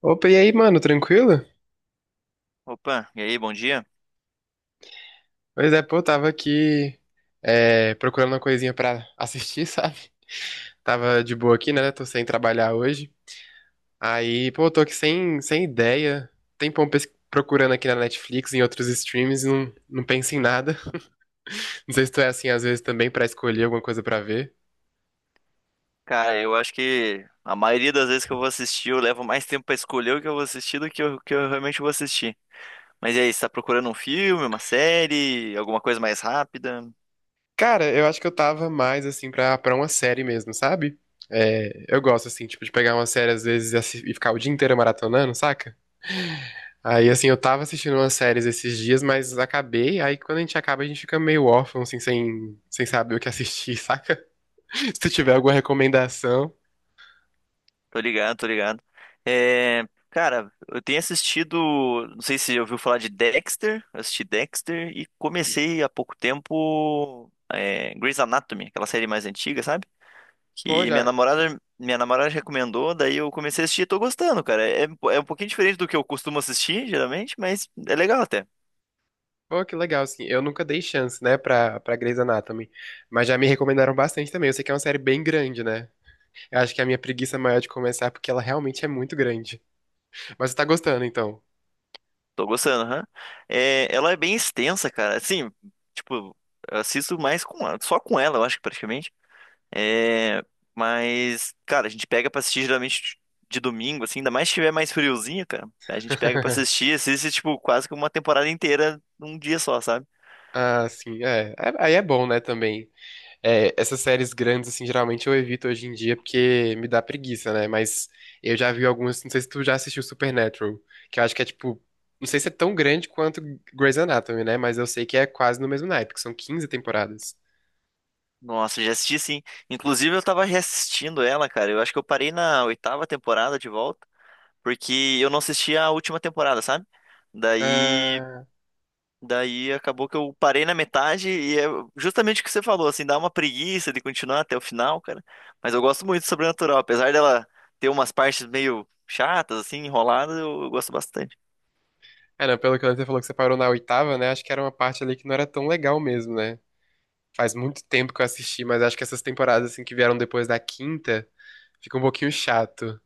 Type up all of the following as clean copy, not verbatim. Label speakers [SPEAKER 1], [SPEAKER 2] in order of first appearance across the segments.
[SPEAKER 1] Opa, e aí, mano, tranquilo?
[SPEAKER 2] Opa, e aí, bom dia?
[SPEAKER 1] Pois é, pô, tava aqui procurando uma coisinha pra assistir, sabe? Tava de boa aqui, né? Tô sem trabalhar hoje. Aí, pô, tô aqui sem ideia. Tempão procurando aqui na Netflix, em outros streams, e não penso em nada. Não sei se tu é assim, às vezes, também pra escolher alguma coisa pra ver.
[SPEAKER 2] Cara, eu acho que a maioria das vezes que eu vou assistir, eu levo mais tempo pra escolher o que eu vou assistir do que o que eu realmente vou assistir. Mas e aí, você tá procurando um filme, uma série, alguma coisa mais rápida?
[SPEAKER 1] Cara, eu acho que eu tava mais, assim, pra uma série mesmo, sabe? É, eu gosto, assim, tipo, de pegar uma série, às vezes, e e ficar o dia inteiro maratonando, saca? Aí, assim, eu tava assistindo umas séries esses dias, mas acabei. Aí, quando a gente acaba, a gente fica meio órfão, assim, sem saber o que assistir, saca? Se tu tiver alguma recomendação.
[SPEAKER 2] Tô ligado, tô ligado. É, Cara, eu tenho assistido, não sei se você ouviu falar de Dexter. Eu assisti Dexter e comecei há pouco tempo Grey's Anatomy, aquela série mais antiga, sabe?
[SPEAKER 1] Pô,
[SPEAKER 2] Que minha
[SPEAKER 1] já.
[SPEAKER 2] namorada, minha namorada recomendou, daí eu comecei a assistir e tô gostando, cara. É, é um pouquinho diferente do que eu costumo assistir, geralmente, mas é legal até.
[SPEAKER 1] Pô, que legal, assim. Eu nunca dei chance, né, pra Grey's Anatomy. Mas já me recomendaram bastante também. Eu sei que é uma série bem grande, né? Eu acho que a minha preguiça maior é de começar, é porque ela realmente é muito grande. Mas você tá gostando, então.
[SPEAKER 2] Tô gostando, aham. É, ela é bem extensa, cara. Assim, tipo, eu assisto mais com ela, só com ela, eu acho que praticamente. É, mas, cara, a gente pega pra assistir geralmente de domingo, assim, ainda mais se tiver mais friozinho, cara. A gente pega pra assistir, assiste, tipo, quase que uma temporada inteira num dia só, sabe?
[SPEAKER 1] Ah, sim, é. É- Aí é bom, né, também. É, essas séries grandes, assim, geralmente eu evito hoje em dia porque me dá preguiça, né? Mas eu já vi algumas, não sei se tu já assistiu Supernatural, que eu acho que é tipo, não sei se é tão grande quanto Grey's Anatomy, né? Mas eu sei que é quase no mesmo naipe, que são 15 temporadas.
[SPEAKER 2] Nossa, já assisti sim. Inclusive, eu tava reassistindo ela, cara. Eu acho que eu parei na oitava temporada de volta, porque eu não assisti a última temporada, sabe? Daí,
[SPEAKER 1] Ah,
[SPEAKER 2] daí acabou que eu parei na metade e é justamente o que você falou, assim, dá uma preguiça de continuar até o final, cara. Mas eu gosto muito de Sobrenatural, apesar dela ter umas partes meio chatas, assim, enroladas, eu gosto bastante.
[SPEAKER 1] é, não, pelo que você falou que você parou na oitava, né? Acho que era uma parte ali que não era tão legal mesmo, né? Faz muito tempo que eu assisti, mas acho que essas temporadas, assim, que vieram depois da quinta, fica um pouquinho chato.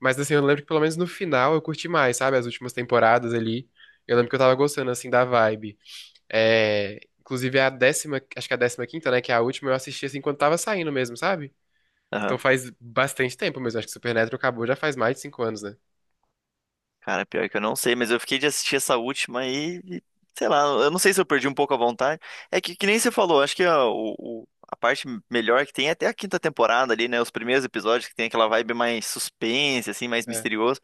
[SPEAKER 1] Mas assim, eu lembro que pelo menos no final eu curti mais, sabe? As últimas temporadas ali. Eu lembro que eu tava gostando, assim, da vibe. É, inclusive a décima, acho que a décima quinta, né? Que é a última, eu assisti assim quando tava saindo mesmo, sabe? Então faz bastante tempo mesmo. Acho que Supernatural acabou já faz mais de cinco anos, né?
[SPEAKER 2] Cara, pior que eu não sei, mas eu fiquei de assistir essa última aí, e, sei lá, eu não sei se eu perdi um pouco a vontade. É que nem você falou, acho que a parte melhor que tem é até a quinta temporada ali, né? Os primeiros episódios que tem aquela vibe mais suspense, assim, mais
[SPEAKER 1] É.
[SPEAKER 2] misterioso.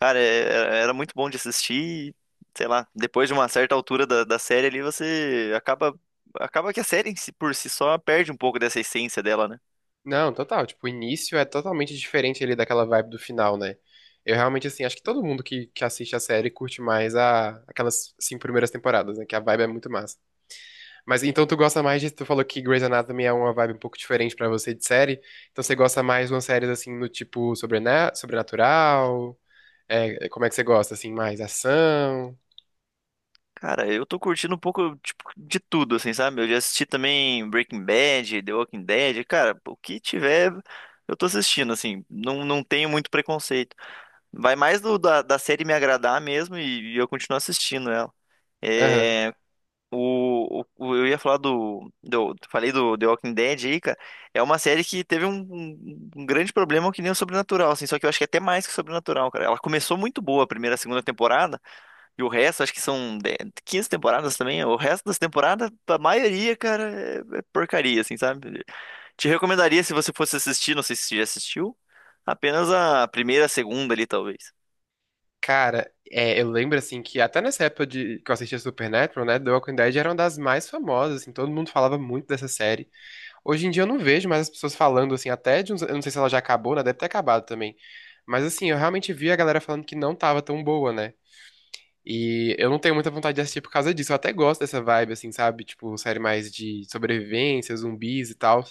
[SPEAKER 2] Cara, era muito bom de assistir, e, sei lá, depois de uma certa altura da série ali, você acaba que a série por si só perde um pouco dessa essência dela, né?
[SPEAKER 1] Não, total. Tipo, o início é totalmente diferente ali daquela vibe do final, né? Eu realmente, assim, acho que todo mundo que assiste a série curte mais aquelas cinco primeiras temporadas, né? Que a vibe é muito massa. Mas então tu gosta mais de. Tu falou que Grey's Anatomy é uma vibe um pouco diferente pra você de série. Então você gosta mais de umas séries assim no tipo sobrenatural? É, é, como é que você gosta? Assim, mais ação?
[SPEAKER 2] Cara, eu tô curtindo um pouco, tipo, de tudo, assim, sabe? Eu já assisti também Breaking Bad, The Walking Dead, cara, o que tiver, eu tô assistindo, assim, não tenho muito preconceito. Vai mais da série me agradar mesmo e eu continuo assistindo ela.
[SPEAKER 1] Aham.
[SPEAKER 2] É, o, o- eu ia falar falei do The Walking Dead aí, cara, é uma série que teve um grande problema que nem o Sobrenatural, assim, só que eu acho que é até mais que o Sobrenatural, cara. Ela começou muito boa a primeira, a segunda temporada, e o resto, acho que 15 temporadas também. O resto das temporadas, a maioria, cara, é porcaria, assim, sabe? Te recomendaria se você fosse assistir, não sei se você já assistiu, apenas a primeira, a segunda ali, talvez.
[SPEAKER 1] Cara, é, eu lembro assim que até nessa época de, que eu assistia Supernatural, né? The Walking Dead era uma das mais famosas, assim, todo mundo falava muito dessa série. Hoje em dia eu não vejo mais as pessoas falando, assim, até de uns, eu não sei se ela já acabou, né? Deve ter acabado também. Mas assim, eu realmente vi a galera falando que não tava tão boa, né? E eu não tenho muita vontade de assistir por causa disso. Eu até gosto dessa vibe, assim, sabe? Tipo, série mais de sobrevivência, zumbis e tal.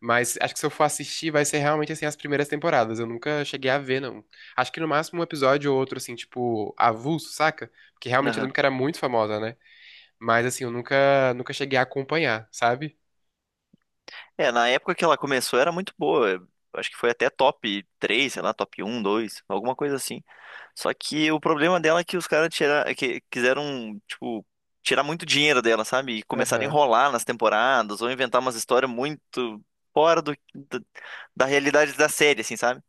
[SPEAKER 1] Mas acho que se eu for assistir, vai ser realmente, assim, as primeiras temporadas. Eu nunca cheguei a ver, não. Acho que no máximo um episódio ou outro, assim, tipo, avulso, saca? Porque realmente eu lembro que era muito famosa, né? Mas, assim, eu nunca cheguei a acompanhar, sabe?
[SPEAKER 2] É, na época que ela começou era muito boa. Eu Acho que foi até top 3, sei lá, top um, 2, alguma coisa assim. Só que o problema dela é que os caras que quiseram, tipo, tirar muito dinheiro dela, sabe? E começaram a
[SPEAKER 1] Aham,
[SPEAKER 2] enrolar nas temporadas ou inventar umas histórias muito fora do, da da realidade da série, assim, sabe?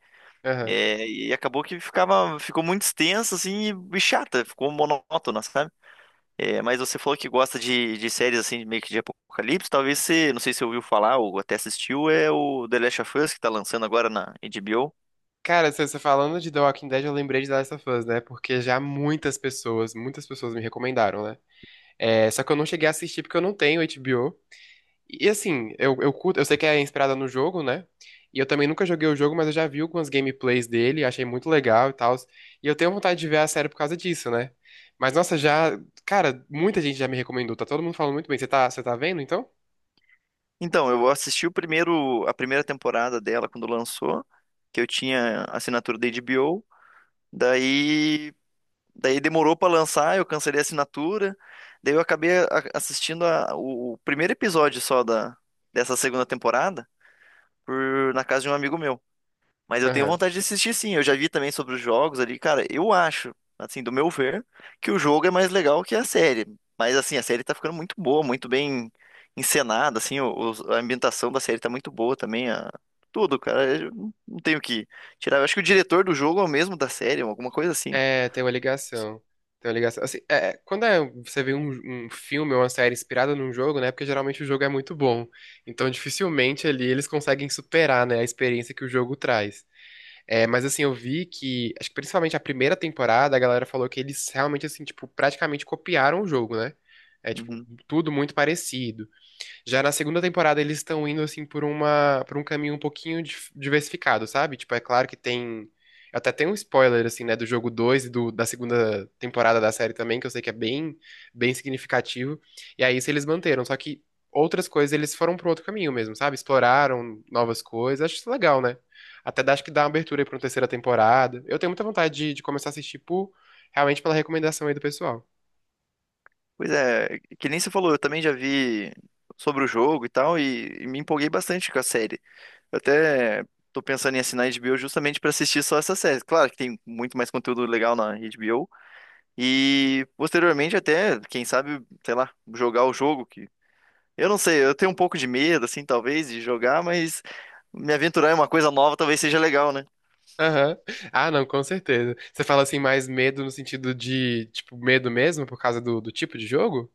[SPEAKER 1] aham.
[SPEAKER 2] É, e acabou que ficou muito extenso, assim, e chata, ficou monótona, sabe? É, mas você falou que gosta de séries assim, meio que de apocalipse. Talvez você, não sei se você ouviu falar ou até assistiu, é o The Last of Us que tá lançando agora na HBO.
[SPEAKER 1] Cara, você falando de The Walking Dead, eu lembrei de The Last of Us, né? Porque já muitas pessoas me recomendaram, né? É, só que eu não cheguei a assistir porque eu não tenho HBO. E assim, eu curto, eu sei que é inspirada no jogo, né? E eu também nunca joguei o jogo, mas eu já vi algumas gameplays dele, achei muito legal e tal. E eu tenho vontade de ver a série por causa disso, né? Mas nossa, já, cara, muita gente já me recomendou, tá todo mundo falando muito bem. Você tá vendo então?
[SPEAKER 2] Então, eu assisti a primeira temporada dela quando lançou, que eu tinha assinatura da HBO. Daí, daí demorou pra lançar, eu cancelei a assinatura. Daí eu assistindo o primeiro episódio só dessa segunda temporada na casa de um amigo meu. Mas eu tenho
[SPEAKER 1] Aham.
[SPEAKER 2] vontade de assistir sim. Eu já vi também sobre os jogos ali, cara. Eu acho, assim, do meu ver, que o jogo é mais legal que a série. Mas assim, a série tá ficando muito boa, muito bem encenada, assim, a ambientação da série tá muito boa também, tudo, cara. Eu não tenho o que tirar. Eu acho que o diretor do jogo é o mesmo da série, alguma coisa assim.
[SPEAKER 1] É, tem uma ligação. Tem uma ligação. Assim, é, quando você vê um, um filme ou uma série inspirada num jogo, né? Porque geralmente o jogo é muito bom. Então, dificilmente ali eles conseguem superar, né, a experiência que o jogo traz. É, mas assim, eu vi que, acho que principalmente a primeira temporada, a galera falou que eles realmente, assim, tipo, praticamente copiaram o jogo, né? É, tipo,
[SPEAKER 2] Uhum.
[SPEAKER 1] tudo muito parecido. Já na segunda temporada eles estão indo assim por um caminho um pouquinho diversificado, sabe? Tipo, é claro que tem até tem um spoiler assim, né, do jogo 2 e do, da segunda temporada da série também, que eu sei que é bem significativo. E aí isso eles manteram, só que outras coisas eles foram para outro caminho mesmo, sabe? Exploraram novas coisas. Acho isso legal, né? Até acho que dá uma abertura aí pra uma terceira temporada. Eu tenho muita vontade de começar a assistir por, realmente pela recomendação aí do pessoal.
[SPEAKER 2] Pois é, que nem você falou, eu também já vi sobre o jogo e tal, e me empolguei bastante com a série. Eu até tô pensando em assinar a HBO justamente para assistir só essa série. Claro que tem muito mais conteúdo legal na HBO. E posteriormente até, quem sabe, sei lá, jogar o jogo que eu não sei, eu tenho um pouco de medo assim, talvez, de jogar, mas me aventurar em uma coisa nova talvez seja legal, né?
[SPEAKER 1] Aham. Ah, não, com certeza. Você fala assim, mais medo no sentido de, tipo, medo mesmo por causa do tipo de jogo?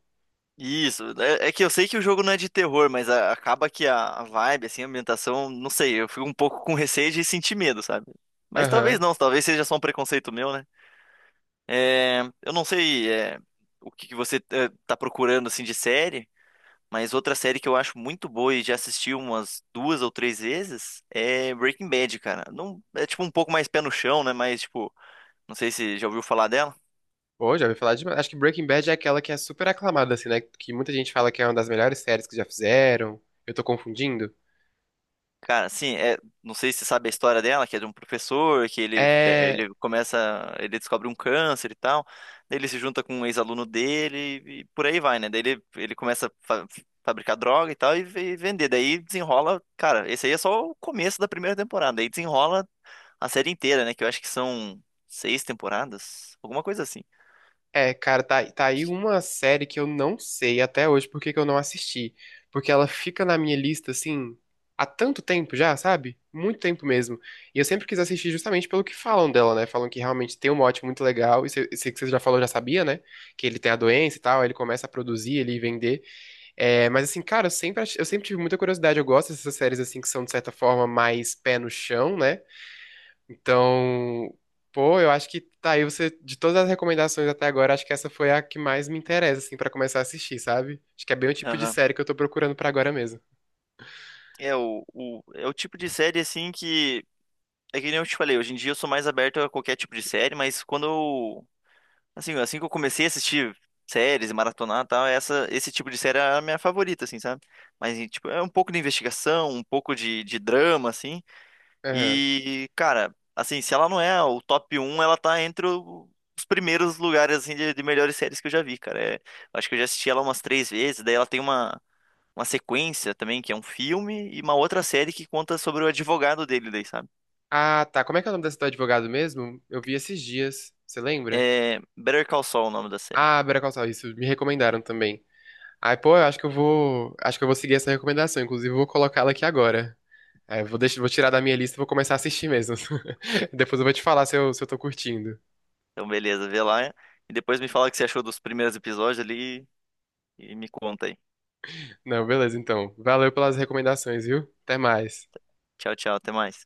[SPEAKER 2] Isso, é, é que eu sei que o jogo não é de terror, mas acaba que a vibe, assim, a ambientação, não sei, eu fico um pouco com receio de sentir medo, sabe? Mas talvez
[SPEAKER 1] Aham.
[SPEAKER 2] não, talvez seja só um preconceito meu, né? Eu não sei é, o que que você está procurando assim de série, mas outra série que eu acho muito boa e já assisti umas duas ou três vezes é Breaking Bad, cara. Não, é tipo um pouco mais pé no chão, né? Mas tipo, não sei se já ouviu falar dela.
[SPEAKER 1] Pô, já ouvi falar demais. Acho que Breaking Bad é aquela que é super aclamada, assim, né? Que muita gente fala que é uma das melhores séries que já fizeram. Eu tô confundindo?
[SPEAKER 2] Cara, assim, é, não sei se você sabe a história dela, que é de um professor, que
[SPEAKER 1] É.
[SPEAKER 2] ele começa, ele descobre um câncer e tal, daí ele se junta com um ex-aluno dele e por aí vai, né? Daí ele começa a fabricar droga e tal e, vender, daí desenrola, cara, esse aí é só o começo da primeira temporada, aí desenrola a série inteira, né? Que eu acho que são seis temporadas, alguma coisa assim.
[SPEAKER 1] É, cara, tá aí uma série que eu não sei até hoje por que que eu não assisti. Porque ela fica na minha lista, assim, há tanto tempo já, sabe? Muito tempo mesmo. E eu sempre quis assistir justamente pelo que falam dela, né? Falam que realmente tem um mote muito legal. E sei que você já falou, já sabia, né? Que ele tem a doença e tal, aí ele começa a produzir, ele vender. É, mas assim, cara, eu sempre, eu sempre tive muita curiosidade. Eu gosto dessas séries, assim, que são, de certa forma, mais pé no chão, né? Então, pô, eu acho que tá aí você, de todas as recomendações até agora, acho que essa foi a que mais me interessa, assim, pra começar a assistir, sabe? Acho que é bem o tipo de
[SPEAKER 2] Aham.
[SPEAKER 1] série que eu tô procurando pra agora mesmo.
[SPEAKER 2] É é o tipo de série, assim, que... É que nem eu te falei, hoje em dia eu sou mais aberto a qualquer tipo de série, mas assim que eu comecei a assistir séries e maratonar e tal, esse tipo de série era a minha favorita, assim, sabe? Mas, e, tipo, é um pouco de investigação, um pouco de drama, assim.
[SPEAKER 1] Aham.
[SPEAKER 2] E, cara, assim, se ela não é o top um ela tá entre os primeiros lugares, assim, de melhores séries que eu já vi, cara. É, eu acho que eu já assisti ela umas três vezes. Daí ela tem uma sequência também, que é um filme, e uma outra série que conta sobre o advogado dele, daí, sabe?
[SPEAKER 1] Ah, tá. Como é que é o nome desse do advogado mesmo? Eu vi esses dias. Você lembra?
[SPEAKER 2] É Better Call Saul, o nome da série.
[SPEAKER 1] Ah, Better Call Saul, isso. Me recomendaram também. Ai, pô, eu acho que eu vou. Acho que eu vou seguir essa recomendação. Inclusive, eu vou colocá-la aqui agora. É, eu vou deixar, vou tirar da minha lista e vou começar a assistir mesmo. Depois eu vou te falar se eu tô curtindo.
[SPEAKER 2] Então, beleza, vê lá e depois me fala o que você achou dos primeiros episódios ali e me conta aí.
[SPEAKER 1] Não, beleza, então. Valeu pelas recomendações, viu? Até mais.
[SPEAKER 2] Tchau, tchau, até mais.